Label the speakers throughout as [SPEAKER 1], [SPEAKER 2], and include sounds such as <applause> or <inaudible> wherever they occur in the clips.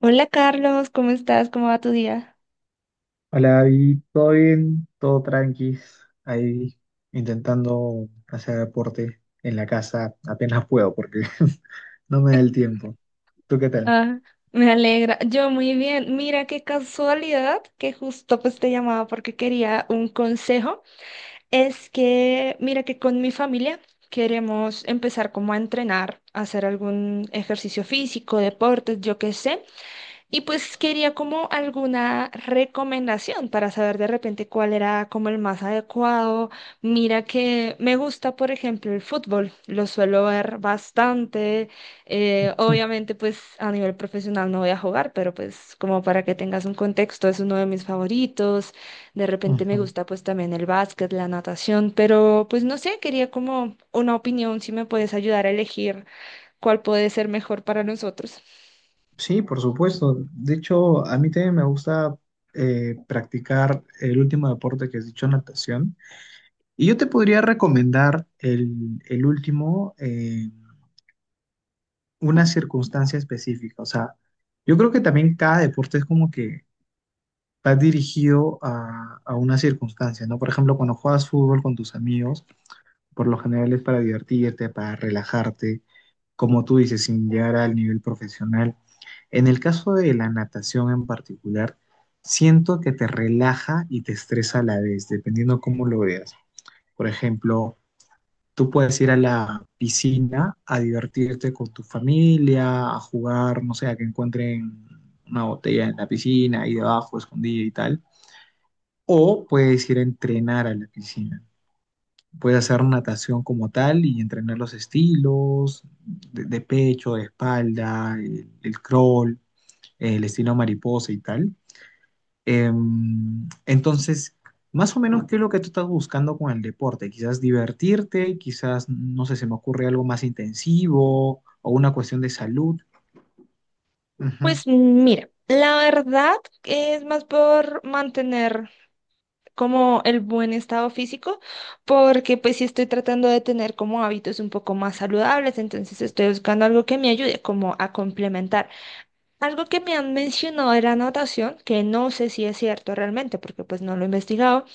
[SPEAKER 1] Hola Carlos, ¿cómo estás? ¿Cómo va tu día?
[SPEAKER 2] Hola, David, ¿todo bien? ¿Todo tranquis? Ahí intentando hacer deporte en la casa apenas puedo porque <laughs> no me da el tiempo. ¿Tú qué tal?
[SPEAKER 1] Ah, Me alegra. Yo muy bien. Mira qué casualidad que justo pues te llamaba porque quería un consejo. Es que mira que con mi familia queremos empezar como a entrenar, a hacer algún ejercicio físico, deportes, yo qué sé. Y pues quería como alguna recomendación para saber de repente cuál era como el más adecuado. Mira que me gusta, por ejemplo, el fútbol. Lo suelo ver bastante.
[SPEAKER 2] Mm.
[SPEAKER 1] Obviamente, pues a nivel profesional no voy a jugar, pero pues como para que tengas un contexto, es uno de mis favoritos. De repente
[SPEAKER 2] Ujú.
[SPEAKER 1] me gusta pues también el básquet, la natación, pero pues no sé, quería como una opinión si me puedes ayudar a elegir cuál puede ser mejor para nosotros.
[SPEAKER 2] Sí, por supuesto. De hecho, a mí también me gusta practicar el último deporte que has dicho, natación. Y yo te podría recomendar el último, en una circunstancia específica. O sea, yo creo que también cada deporte es como que va dirigido a una circunstancia, ¿no? Por ejemplo, cuando juegas fútbol con tus amigos, por lo general es para divertirte, para relajarte, como tú dices, sin llegar al nivel profesional. En el caso de la natación en particular, siento que te relaja y te estresa a la vez, dependiendo cómo lo veas. Por ejemplo, tú puedes ir a la piscina a divertirte con tu familia, a jugar, no sé, a que encuentren una botella en la piscina, ahí debajo, escondida y tal, o puedes ir a entrenar a la piscina. Puedes hacer natación como tal y entrenar los estilos de pecho, de espalda, el crawl, el estilo mariposa y tal. Entonces, más o menos, ¿qué es lo que tú estás buscando con el deporte? Quizás divertirte, quizás, no sé, se me ocurre algo más intensivo o una cuestión de salud. Ujú.
[SPEAKER 1] Pues mira, la verdad es más por mantener como el buen estado físico, porque pues sí estoy tratando de tener como hábitos un poco más saludables, entonces estoy buscando algo que me ayude como a complementar. Algo que me han mencionado de la natación, que no sé si es cierto realmente, porque pues no lo he investigado,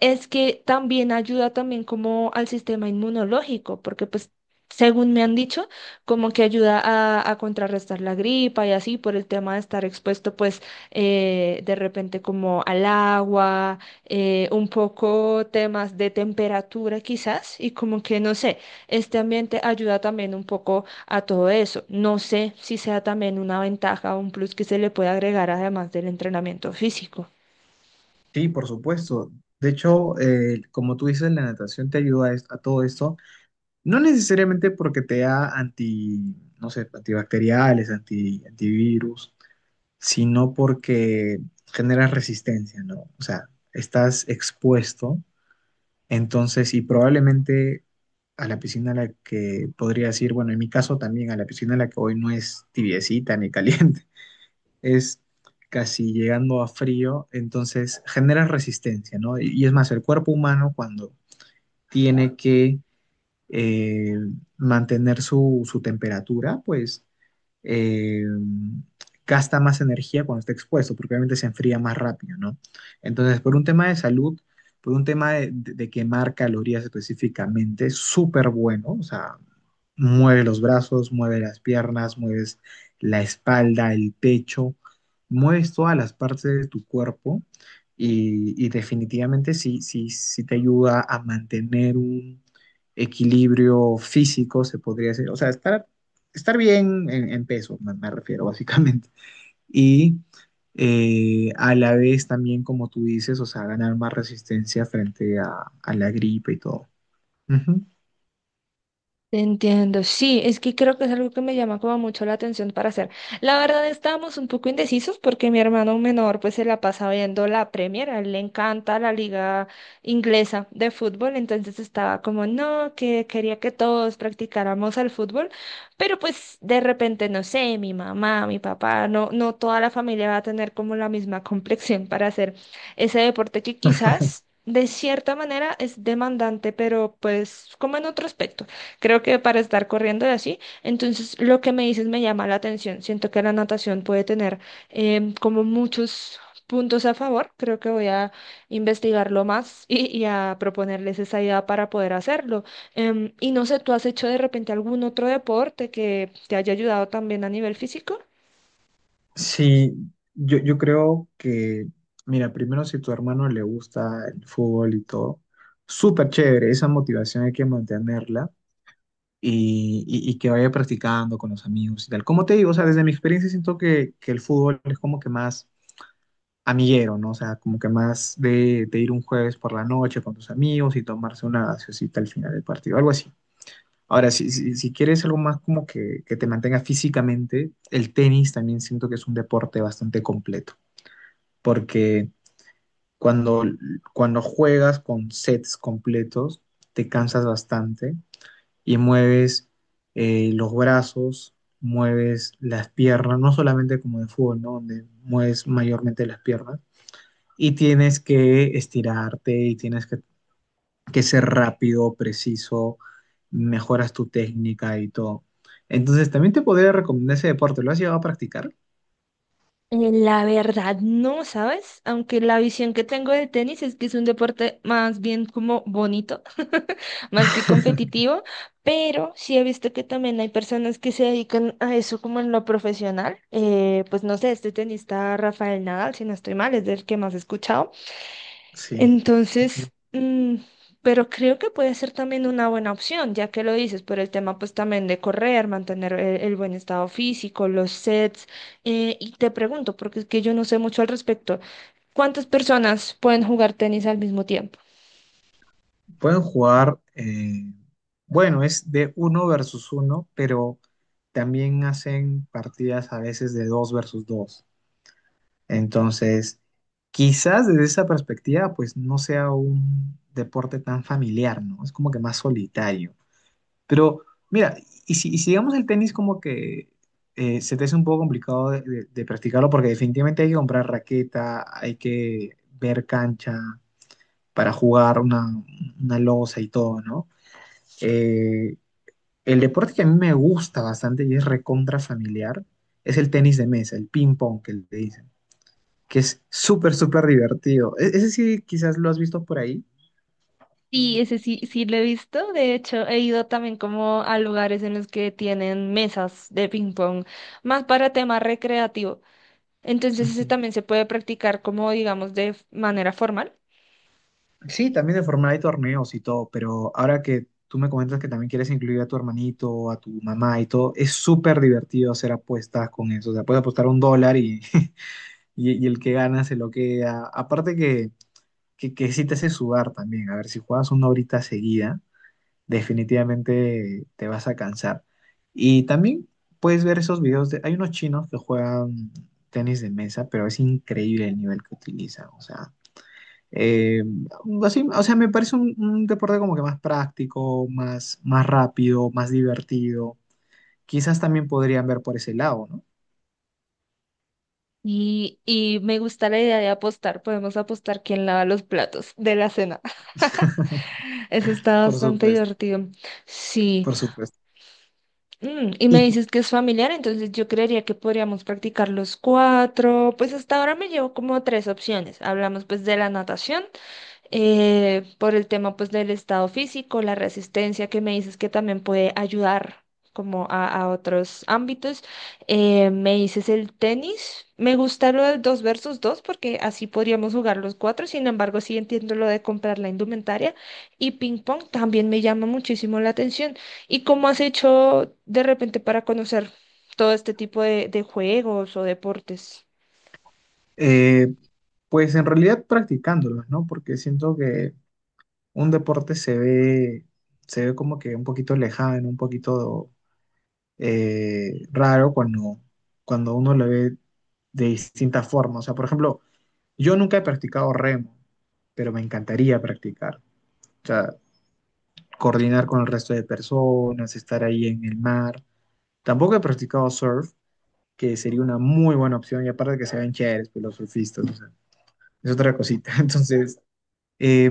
[SPEAKER 1] es que también ayuda también como al sistema inmunológico, porque pues según me han dicho, como que ayuda a contrarrestar la gripa y así por el tema de estar expuesto pues de repente como al agua, un poco temas de temperatura quizás y como que no sé, este ambiente ayuda también un poco a todo eso. No sé si sea también una ventaja o un plus que se le puede agregar además del entrenamiento físico.
[SPEAKER 2] Sí, por supuesto. De hecho, como tú dices, la natación te ayuda a todo esto. No necesariamente porque te da anti, no sé, antibacteriales, antivirus, sino porque genera resistencia, ¿no? O sea, estás expuesto, entonces, y probablemente a la piscina a la que podría decir, bueno, en mi caso también, a la piscina a la que voy no es tibiecita ni caliente, <laughs> es casi llegando a frío, entonces genera resistencia, ¿no? Y es más, el cuerpo humano cuando tiene que eh, mantener su temperatura, pues eh, gasta más energía cuando está expuesto, porque obviamente se enfría más rápido, ¿no? Entonces, por un tema de salud, por un tema de quemar calorías específicamente, súper bueno, o sea, mueve los brazos, mueve las piernas, mueves la espalda, el pecho, mueves todas las partes de tu cuerpo, y definitivamente sí, sí, sí te ayuda a mantener un equilibrio físico, se podría decir, o sea, estar bien en peso, me refiero básicamente. Y a la vez también, como tú dices, o sea, ganar más resistencia frente a la gripe y todo. Ujú.
[SPEAKER 1] Te entiendo, sí, es que creo que es algo que me llama como mucho la atención para hacer. La verdad estábamos un poco indecisos porque mi hermano menor pues se la pasa viendo la Premier, a él le encanta la liga inglesa de fútbol, entonces estaba como no, que quería que todos practicáramos el fútbol, pero pues de repente no sé, mi mamá, mi papá, no, no toda la familia va a tener como la misma complexión para hacer ese deporte que quizás de cierta manera es demandante, pero pues como en otro aspecto creo que para estar corriendo y así. Entonces, lo que me dices me llama la atención. Siento que la natación puede tener como muchos puntos a favor. Creo que voy a investigarlo más <laughs> y a proponerles esa idea para poder hacerlo. Y no sé, ¿tú has hecho de repente algún otro deporte que te haya ayudado también a nivel físico?
[SPEAKER 2] Sí, yo creo que, mira, primero si tu hermano le gusta el fútbol y todo, súper chévere, esa motivación hay que mantenerla y que vaya practicando con los amigos y tal. Como te digo, o sea, desde mi experiencia siento que el fútbol es como que más amiguero, ¿no? O sea, como que más de ir un jueves por la noche con tus amigos y tomarse una gaseosita al final del partido, algo así. Ahora, si quieres algo más como que te mantenga físicamente, el tenis también siento que es un deporte bastante completo porque cuando, cuando juegas con sets completos, te cansas bastante y mueves los brazos, mueves las piernas, no solamente como de fútbol, ¿no? Donde mueves mayormente las piernas, y tienes que estirarte y tienes que ser rápido, preciso, mejoras tu técnica y todo. Entonces, también te podría recomendar ese deporte. ¿Lo has llegado a practicar?
[SPEAKER 1] La verdad no, ¿sabes? Aunque la visión que tengo de tenis es que es un deporte más bien como bonito, <laughs> más que
[SPEAKER 2] <laughs>
[SPEAKER 1] competitivo, pero sí he visto que también hay personas que se dedican a eso como en lo profesional. Pues no sé, este tenista Rafael Nadal, si no estoy mal, es del que más he escuchado.
[SPEAKER 2] Sí.
[SPEAKER 1] Entonces, pero creo que puede ser también una buena opción, ya que lo dices, por el tema pues también de correr, mantener el buen estado físico, los sets. Y te pregunto, porque es que yo no sé mucho al respecto, ¿cuántas personas pueden jugar tenis al mismo tiempo?
[SPEAKER 2] Pueden jugar, bueno, es de uno versus uno, pero también hacen partidas a veces de dos versus dos. Entonces, quizás desde esa perspectiva, pues no sea un deporte tan familiar, ¿no? Es como que más solitario. Pero mira, y si digamos el tenis como que se te hace un poco complicado de practicarlo porque definitivamente hay que comprar raqueta, hay que ver cancha para jugar una losa y todo, ¿no? Eh, el deporte que a mí me gusta bastante y es recontra familiar es el tenis de mesa, el ping pong que le dicen, que es súper, súper divertido. Ese sí, quizás lo has visto por ahí.
[SPEAKER 1] Sí, ese sí, sí lo he visto. De hecho, he ido también como a lugares en los que tienen mesas de ping pong, más para tema recreativo. Entonces, ese
[SPEAKER 2] Ujú.
[SPEAKER 1] también se puede practicar como, digamos, de manera formal.
[SPEAKER 2] Sí, también de forma hay torneos y todo, pero ahora que tú me comentas que también quieres incluir a tu hermanito, a tu mamá y todo, es súper divertido hacer apuestas con eso. O sea, puedes apostar un dólar y, <laughs> y el que gana se lo queda. Aparte que sí te hace sudar también. A ver, si juegas una horita seguida definitivamente te vas a cansar. Y también puedes ver esos videos hay unos chinos que juegan tenis de mesa, pero es increíble el nivel que utilizan, o sea, eh, o sea, me parece un deporte como que más práctico, más rápido, más divertido. Quizás también podrían ver por ese lado, ¿no?
[SPEAKER 1] Y me gusta la idea de apostar. Podemos apostar quién lava los platos de la cena.
[SPEAKER 2] <laughs>
[SPEAKER 1] <laughs> Eso está
[SPEAKER 2] Por
[SPEAKER 1] bastante
[SPEAKER 2] supuesto,
[SPEAKER 1] divertido. Sí.
[SPEAKER 2] por supuesto.
[SPEAKER 1] Mm, y me
[SPEAKER 2] Y
[SPEAKER 1] dices que es familiar, entonces yo creería que podríamos practicar los cuatro. Pues hasta ahora me llevo como tres opciones. Hablamos pues de la natación por el tema pues del estado físico, la resistencia que me dices que también puede ayudar como a otros ámbitos. Me dices el tenis, me gusta lo del dos versus dos porque así podríamos jugar los cuatro, sin embargo sí entiendo lo de comprar la indumentaria y ping pong también me llama muchísimo la atención. ¿Y cómo has hecho de repente para conocer todo este tipo de juegos o deportes?
[SPEAKER 2] eh, pues en realidad practicándolos, ¿no? Porque siento que un deporte se ve como que un poquito lejano, un poquito raro cuando uno lo ve de distintas formas. O sea, por ejemplo, yo nunca he practicado remo, pero me encantaría practicar. O sea, coordinar con el resto de personas, estar ahí en el mar. Tampoco he practicado surf, que sería una muy buena opción, y aparte que se ven chéveres pues, los surfistas, o sea, es otra cosita. <laughs> Entonces, Eh,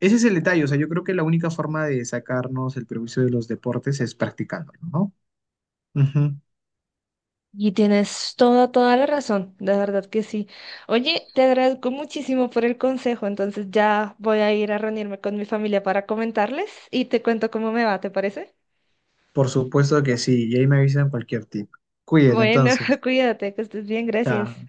[SPEAKER 2] ese es el detalle, o sea, yo creo que la única forma de sacarnos el prejuicio de los deportes es practicándolo, ¿no? Ujú.
[SPEAKER 1] Y tienes toda, toda la razón, de verdad que sí. Oye, te agradezco muchísimo por el consejo, entonces ya voy a ir a reunirme con mi familia para comentarles y te cuento cómo me va, ¿te parece?
[SPEAKER 2] Por supuesto que sí, y ahí me avisan cualquier tip. Cuídate
[SPEAKER 1] Bueno,
[SPEAKER 2] entonces.
[SPEAKER 1] <laughs> cuídate, que estés bien, gracias.
[SPEAKER 2] Chao.